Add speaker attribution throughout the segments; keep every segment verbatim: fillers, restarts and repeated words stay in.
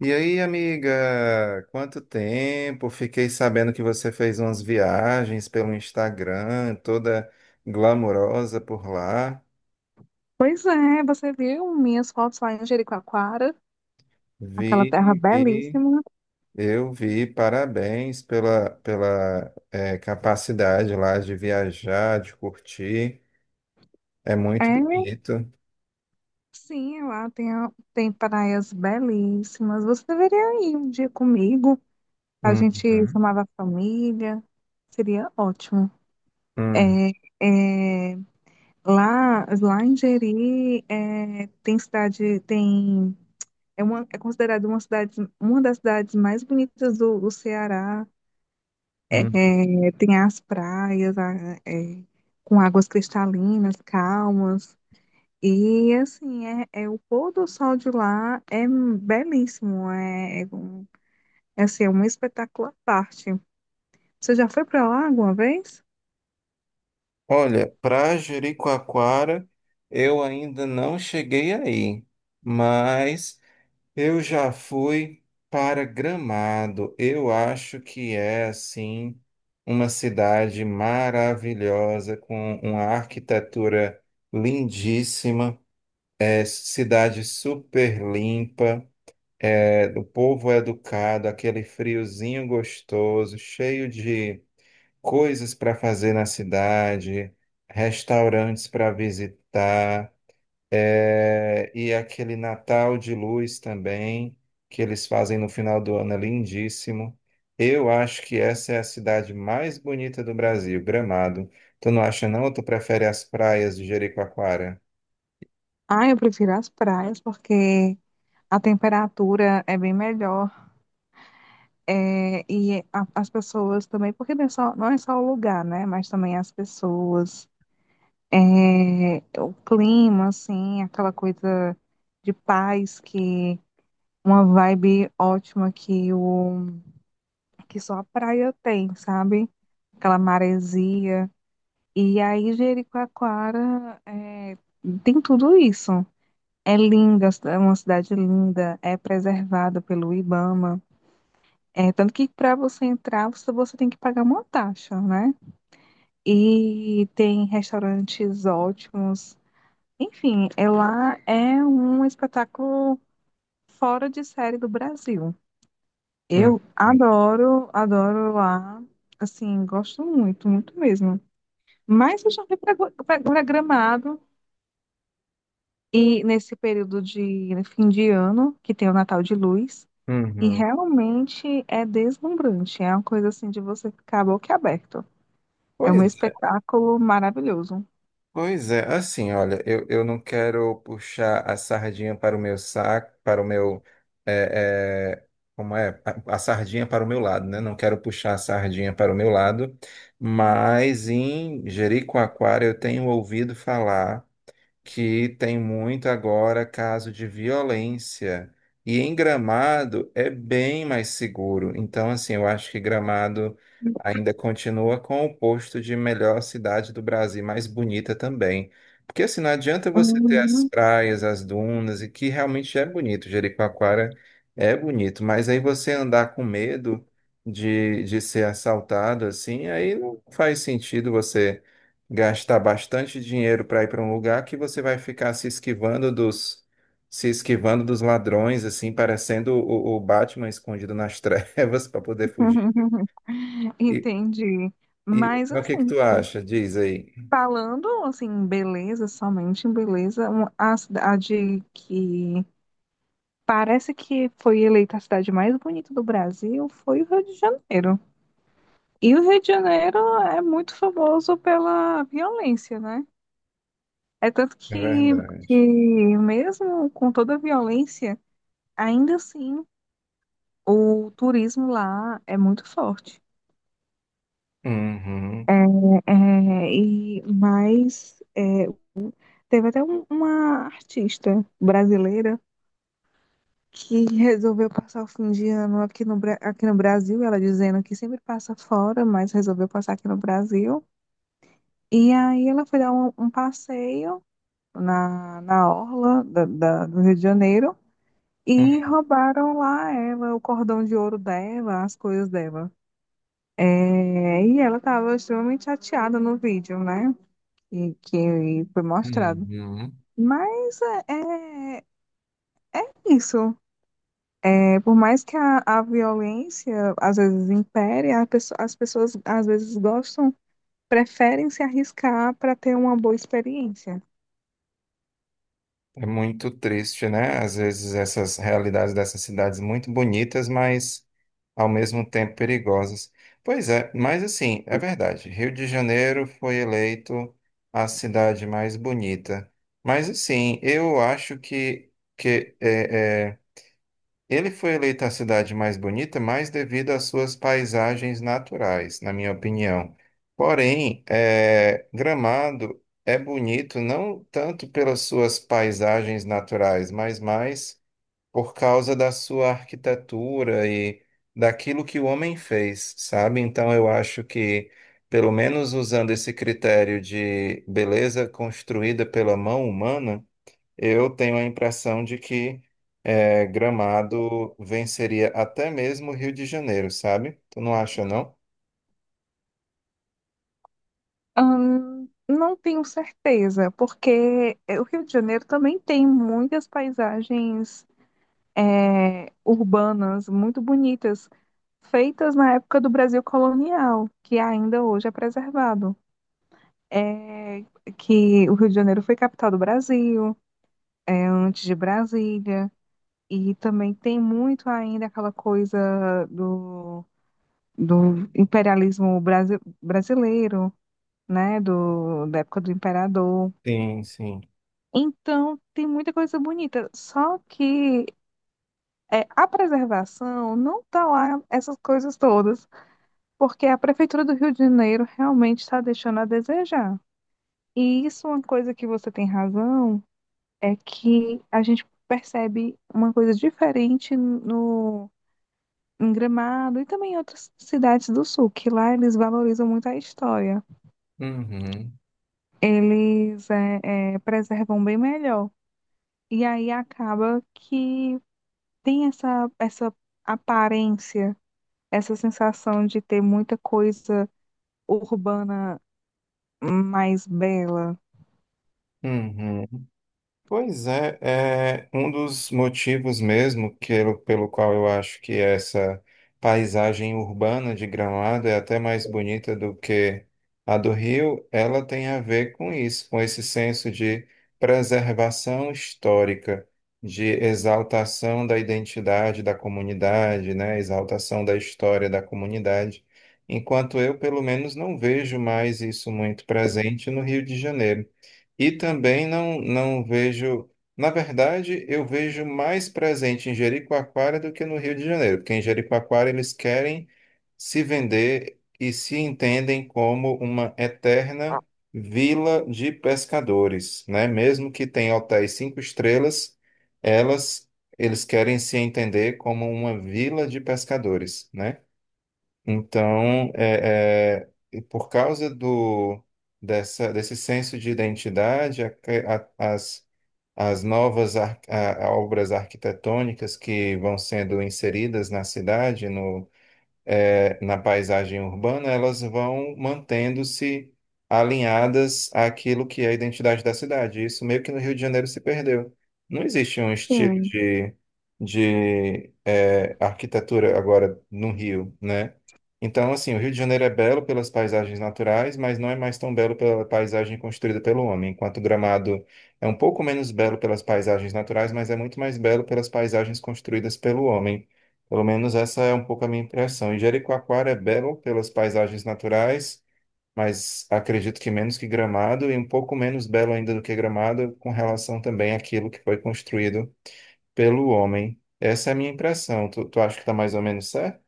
Speaker 1: E aí, amiga, quanto tempo? Fiquei sabendo que você fez umas viagens pelo Instagram, toda glamourosa por lá.
Speaker 2: Pois é, você viu minhas fotos lá em Jericoacoara, aquela
Speaker 1: Vi,
Speaker 2: terra
Speaker 1: vi,
Speaker 2: belíssima.
Speaker 1: eu vi. Parabéns pela, pela eh, capacidade lá de viajar, de curtir. É
Speaker 2: É,
Speaker 1: muito bonito.
Speaker 2: sim, lá tem, a- tem praias belíssimas. Você deveria ir um dia comigo. A
Speaker 1: Uhum,
Speaker 2: gente chamava a família, seria ótimo.
Speaker 1: uhum,
Speaker 2: É, é, lá, lá em Jeri, é, tem cidade, tem, é, uma, é considerada uma cidade, uma das cidades mais bonitas do do Ceará. É,
Speaker 1: uhum.
Speaker 2: é, tem as praias a- é, com águas cristalinas, calmas. E assim, é, é o pôr do sol de lá é belíssimo. É, é, um- é, assim, é um espetáculo à parte. Você já foi para lá alguma vez?
Speaker 1: Olha, para Jericoacoara, eu ainda não cheguei aí, mas eu já fui para Gramado. Eu acho que é assim uma cidade maravilhosa com uma arquitetura lindíssima, é cidade super limpa, é, o povo é educado, aquele friozinho gostoso, cheio de coisas para fazer na cidade, restaurantes para visitar. É, e aquele Natal de Luz também, que eles fazem no final do ano, é lindíssimo. Eu acho que essa é a cidade mais bonita do Brasil, Gramado. Tu não acha, não? Ou tu prefere as praias de Jericoacoara?
Speaker 2: Ah, eu prefiro as praias porque a temperatura é bem melhor. É, e a- as pessoas também, porque não é só, não é só o lugar, né? Mas também as pessoas. É, o clima, assim, aquela coisa de paz que uma vibe ótima que o que só a praia tem, sabe? Aquela maresia. E aí Jericoacoara é, tem tudo isso. É linda, é uma cidade linda, é preservada pelo Ibama. É, tanto que para você entrar, você, você tem que pagar uma taxa, né? E tem restaurantes ótimos. Enfim, ela é um espetáculo fora de série do Brasil.
Speaker 1: Hum,
Speaker 2: Eu
Speaker 1: hum,
Speaker 2: adoro, adoro lá. Assim, gosto muito, muito mesmo. Mas eu já fui pra- pra- pra Gramado e nesse período de, né, fim de ano, que tem o Natal de Luz, e
Speaker 1: Uhum.
Speaker 2: realmente é deslumbrante. É uma coisa assim de você ficar boquiaberto. É um
Speaker 1: Pois é.
Speaker 2: espetáculo maravilhoso.
Speaker 1: Pois é, assim, olha, eu, eu não quero puxar a sardinha para o meu saco, para o meu, é, é, como é? A, a sardinha para o meu lado, né? Não quero puxar a sardinha para o meu lado, mas em Jericoacoara eu tenho ouvido falar que tem muito agora caso de violência. E em Gramado é bem mais seguro. Então, assim, eu acho que Gramado ainda continua com o posto de melhor cidade do Brasil, mais bonita também. Porque, assim, não adianta você ter as
Speaker 2: Uhum.
Speaker 1: praias, as dunas, e que realmente é bonito. Jericoacoara é bonito, mas aí você andar com medo de, de ser assaltado, assim, aí não faz sentido você gastar bastante dinheiro para ir para um lugar que você vai ficar se esquivando dos se esquivando dos ladrões, assim, parecendo o, o Batman escondido nas trevas para poder fugir. E,
Speaker 2: Entendi.
Speaker 1: e
Speaker 2: Mas
Speaker 1: o que que
Speaker 2: assim,
Speaker 1: tu acha? Diz aí.
Speaker 2: Falando assim, em beleza, somente em beleza, um- a cidade que parece que foi eleita a cidade mais bonita do Brasil foi o Rio de Janeiro. E o Rio de Janeiro é muito famoso pela violência, né? É tanto
Speaker 1: É
Speaker 2: que,
Speaker 1: verdade.
Speaker 2: que mesmo com toda a violência, ainda assim o turismo lá é muito forte.
Speaker 1: Uhum.
Speaker 2: É, é, e, mas é, teve até um- uma artista brasileira que resolveu passar o fim de ano aqui no, Bra- aqui no Brasil, ela dizendo que sempre passa fora, mas resolveu passar aqui no Brasil. E aí ela foi dar um, um passeio na, na orla da, da- do Rio de Janeiro e roubaram lá ela, o cordão de ouro dela, as coisas dela. É, e ela estava extremamente chateada no vídeo, né? Que, que foi mostrado.
Speaker 1: Uhum.
Speaker 2: Mas é, é isso. É, por mais que a, a violência às vezes impere, a pesso- as pessoas às vezes gostam, preferem se arriscar para ter uma boa experiência.
Speaker 1: É muito triste, né? Às vezes essas realidades dessas cidades muito bonitas, mas ao mesmo tempo perigosas. Pois é, mas assim, é verdade. Rio de Janeiro foi eleito a cidade mais bonita. Mas assim, eu acho que, que é, é, ele foi eleita a cidade mais bonita mais devido às suas paisagens naturais, na minha opinião. Porém, eh, Gramado é bonito não tanto pelas suas paisagens naturais, mas mais por causa da sua arquitetura e daquilo que o homem fez, sabe? Então, eu acho que, pelo menos usando esse critério de beleza construída pela mão humana, eu tenho a impressão de que é, Gramado venceria até mesmo o Rio de Janeiro, sabe? Tu não acha, não?
Speaker 2: Ahn, não tenho certeza, porque eh, o Rio de Janeiro também tem muitas paisagens eh, urbanas muito bonitas, feitas na época do Brasil colonial, que ainda hoje é preservado. É, que o Rio de Janeiro foi capital do Brasil, é, antes de Brasília. E também tem muito ainda aquela coisa do, do imperialismo brasi- brasileiro, né? Do, da época do imperador.
Speaker 1: Sim, sim.
Speaker 2: Então, tem muita coisa bonita. Só que é, a preservação não está lá, essas coisas todas, porque a Prefeitura do Rio de Janeiro realmente está deixando a desejar. E isso, é uma coisa que você tem razão, é que a gente percebe uma coisa diferente no em Gramado e também em outras cidades do sul, que lá eles valorizam muito a história.
Speaker 1: Uhum,
Speaker 2: Eles é, é, preservam bem melhor. E aí acaba que tem essa, essa aparência, essa sensação de ter muita coisa urbana mais bela.
Speaker 1: uhum. Pois é, é um dos motivos mesmo pelo, pelo qual eu acho que essa paisagem urbana de Gramado é até mais bonita do que a do Rio, ela tem a ver com isso, com esse senso de preservação histórica, de exaltação da identidade da comunidade, né? Exaltação da história da comunidade. Enquanto eu, pelo menos, não vejo mais isso muito presente no Rio de Janeiro. E também não, não vejo. Na verdade, eu vejo mais presente em Jericoacoara do que no Rio de Janeiro, porque em Jericoacoara eles querem se vender e se entendem como uma eterna vila de pescadores, né? Mesmo que tenha hotéis cinco estrelas, elas, eles querem se entender como uma vila de pescadores, né? Então, é, é, e por causa do, dessa, desse senso de identidade, a- a- as, as novas ar- a- a obras arquitetônicas que vão sendo inseridas na cidade, eh, na paisagem urbana, elas vão mantendo-se alinhadas àquilo que é a identidade da cidade. Isso meio que no Rio de Janeiro se perdeu. Não existe um estilo
Speaker 2: Sim,
Speaker 1: de, de eh, arquitetura agora no Rio, né? Então, assim, o Rio de Janeiro é belo pelas paisagens naturais, mas não é mais tão belo pela paisagem construída pelo homem, enquanto Gramado é um pouco menos belo pelas paisagens naturais, mas é muito mais belo pelas paisagens construídas pelo homem. Pelo menos essa é um pouco a minha impressão. E Jericoacoara é belo pelas paisagens naturais, mas acredito que menos que Gramado e um pouco menos belo ainda do que Gramado com relação também àquilo que foi construído pelo homem. Essa é a minha impressão. Tu, tu acha que está mais ou menos certo?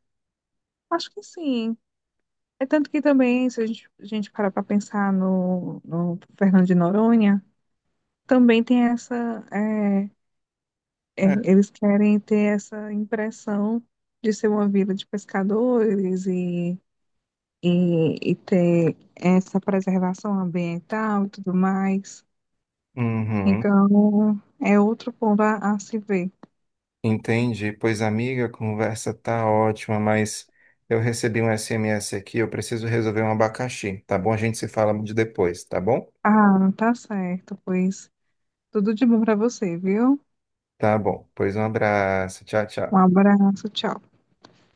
Speaker 2: acho que sim. É tanto que também, se a gente, a gente parar para pensar no, no Fernando de Noronha, também tem essa, é, é,
Speaker 1: É.
Speaker 2: eles querem ter essa impressão de ser uma vida de pescadores e, e, e ter essa preservação ambiental e tudo mais.
Speaker 1: Uhum.
Speaker 2: Então, é outro ponto a, a se ver.
Speaker 1: Entendi. Pois, amiga, a conversa tá ótima, mas eu recebi um S M S aqui, eu preciso resolver um abacaxi, tá bom? A gente se fala de depois, tá bom?
Speaker 2: Ah, tá certo, pois tudo de bom para você, viu?
Speaker 1: Tá bom. Pois um abraço. Tchau,
Speaker 2: Um
Speaker 1: tchau.
Speaker 2: abraço, tchau.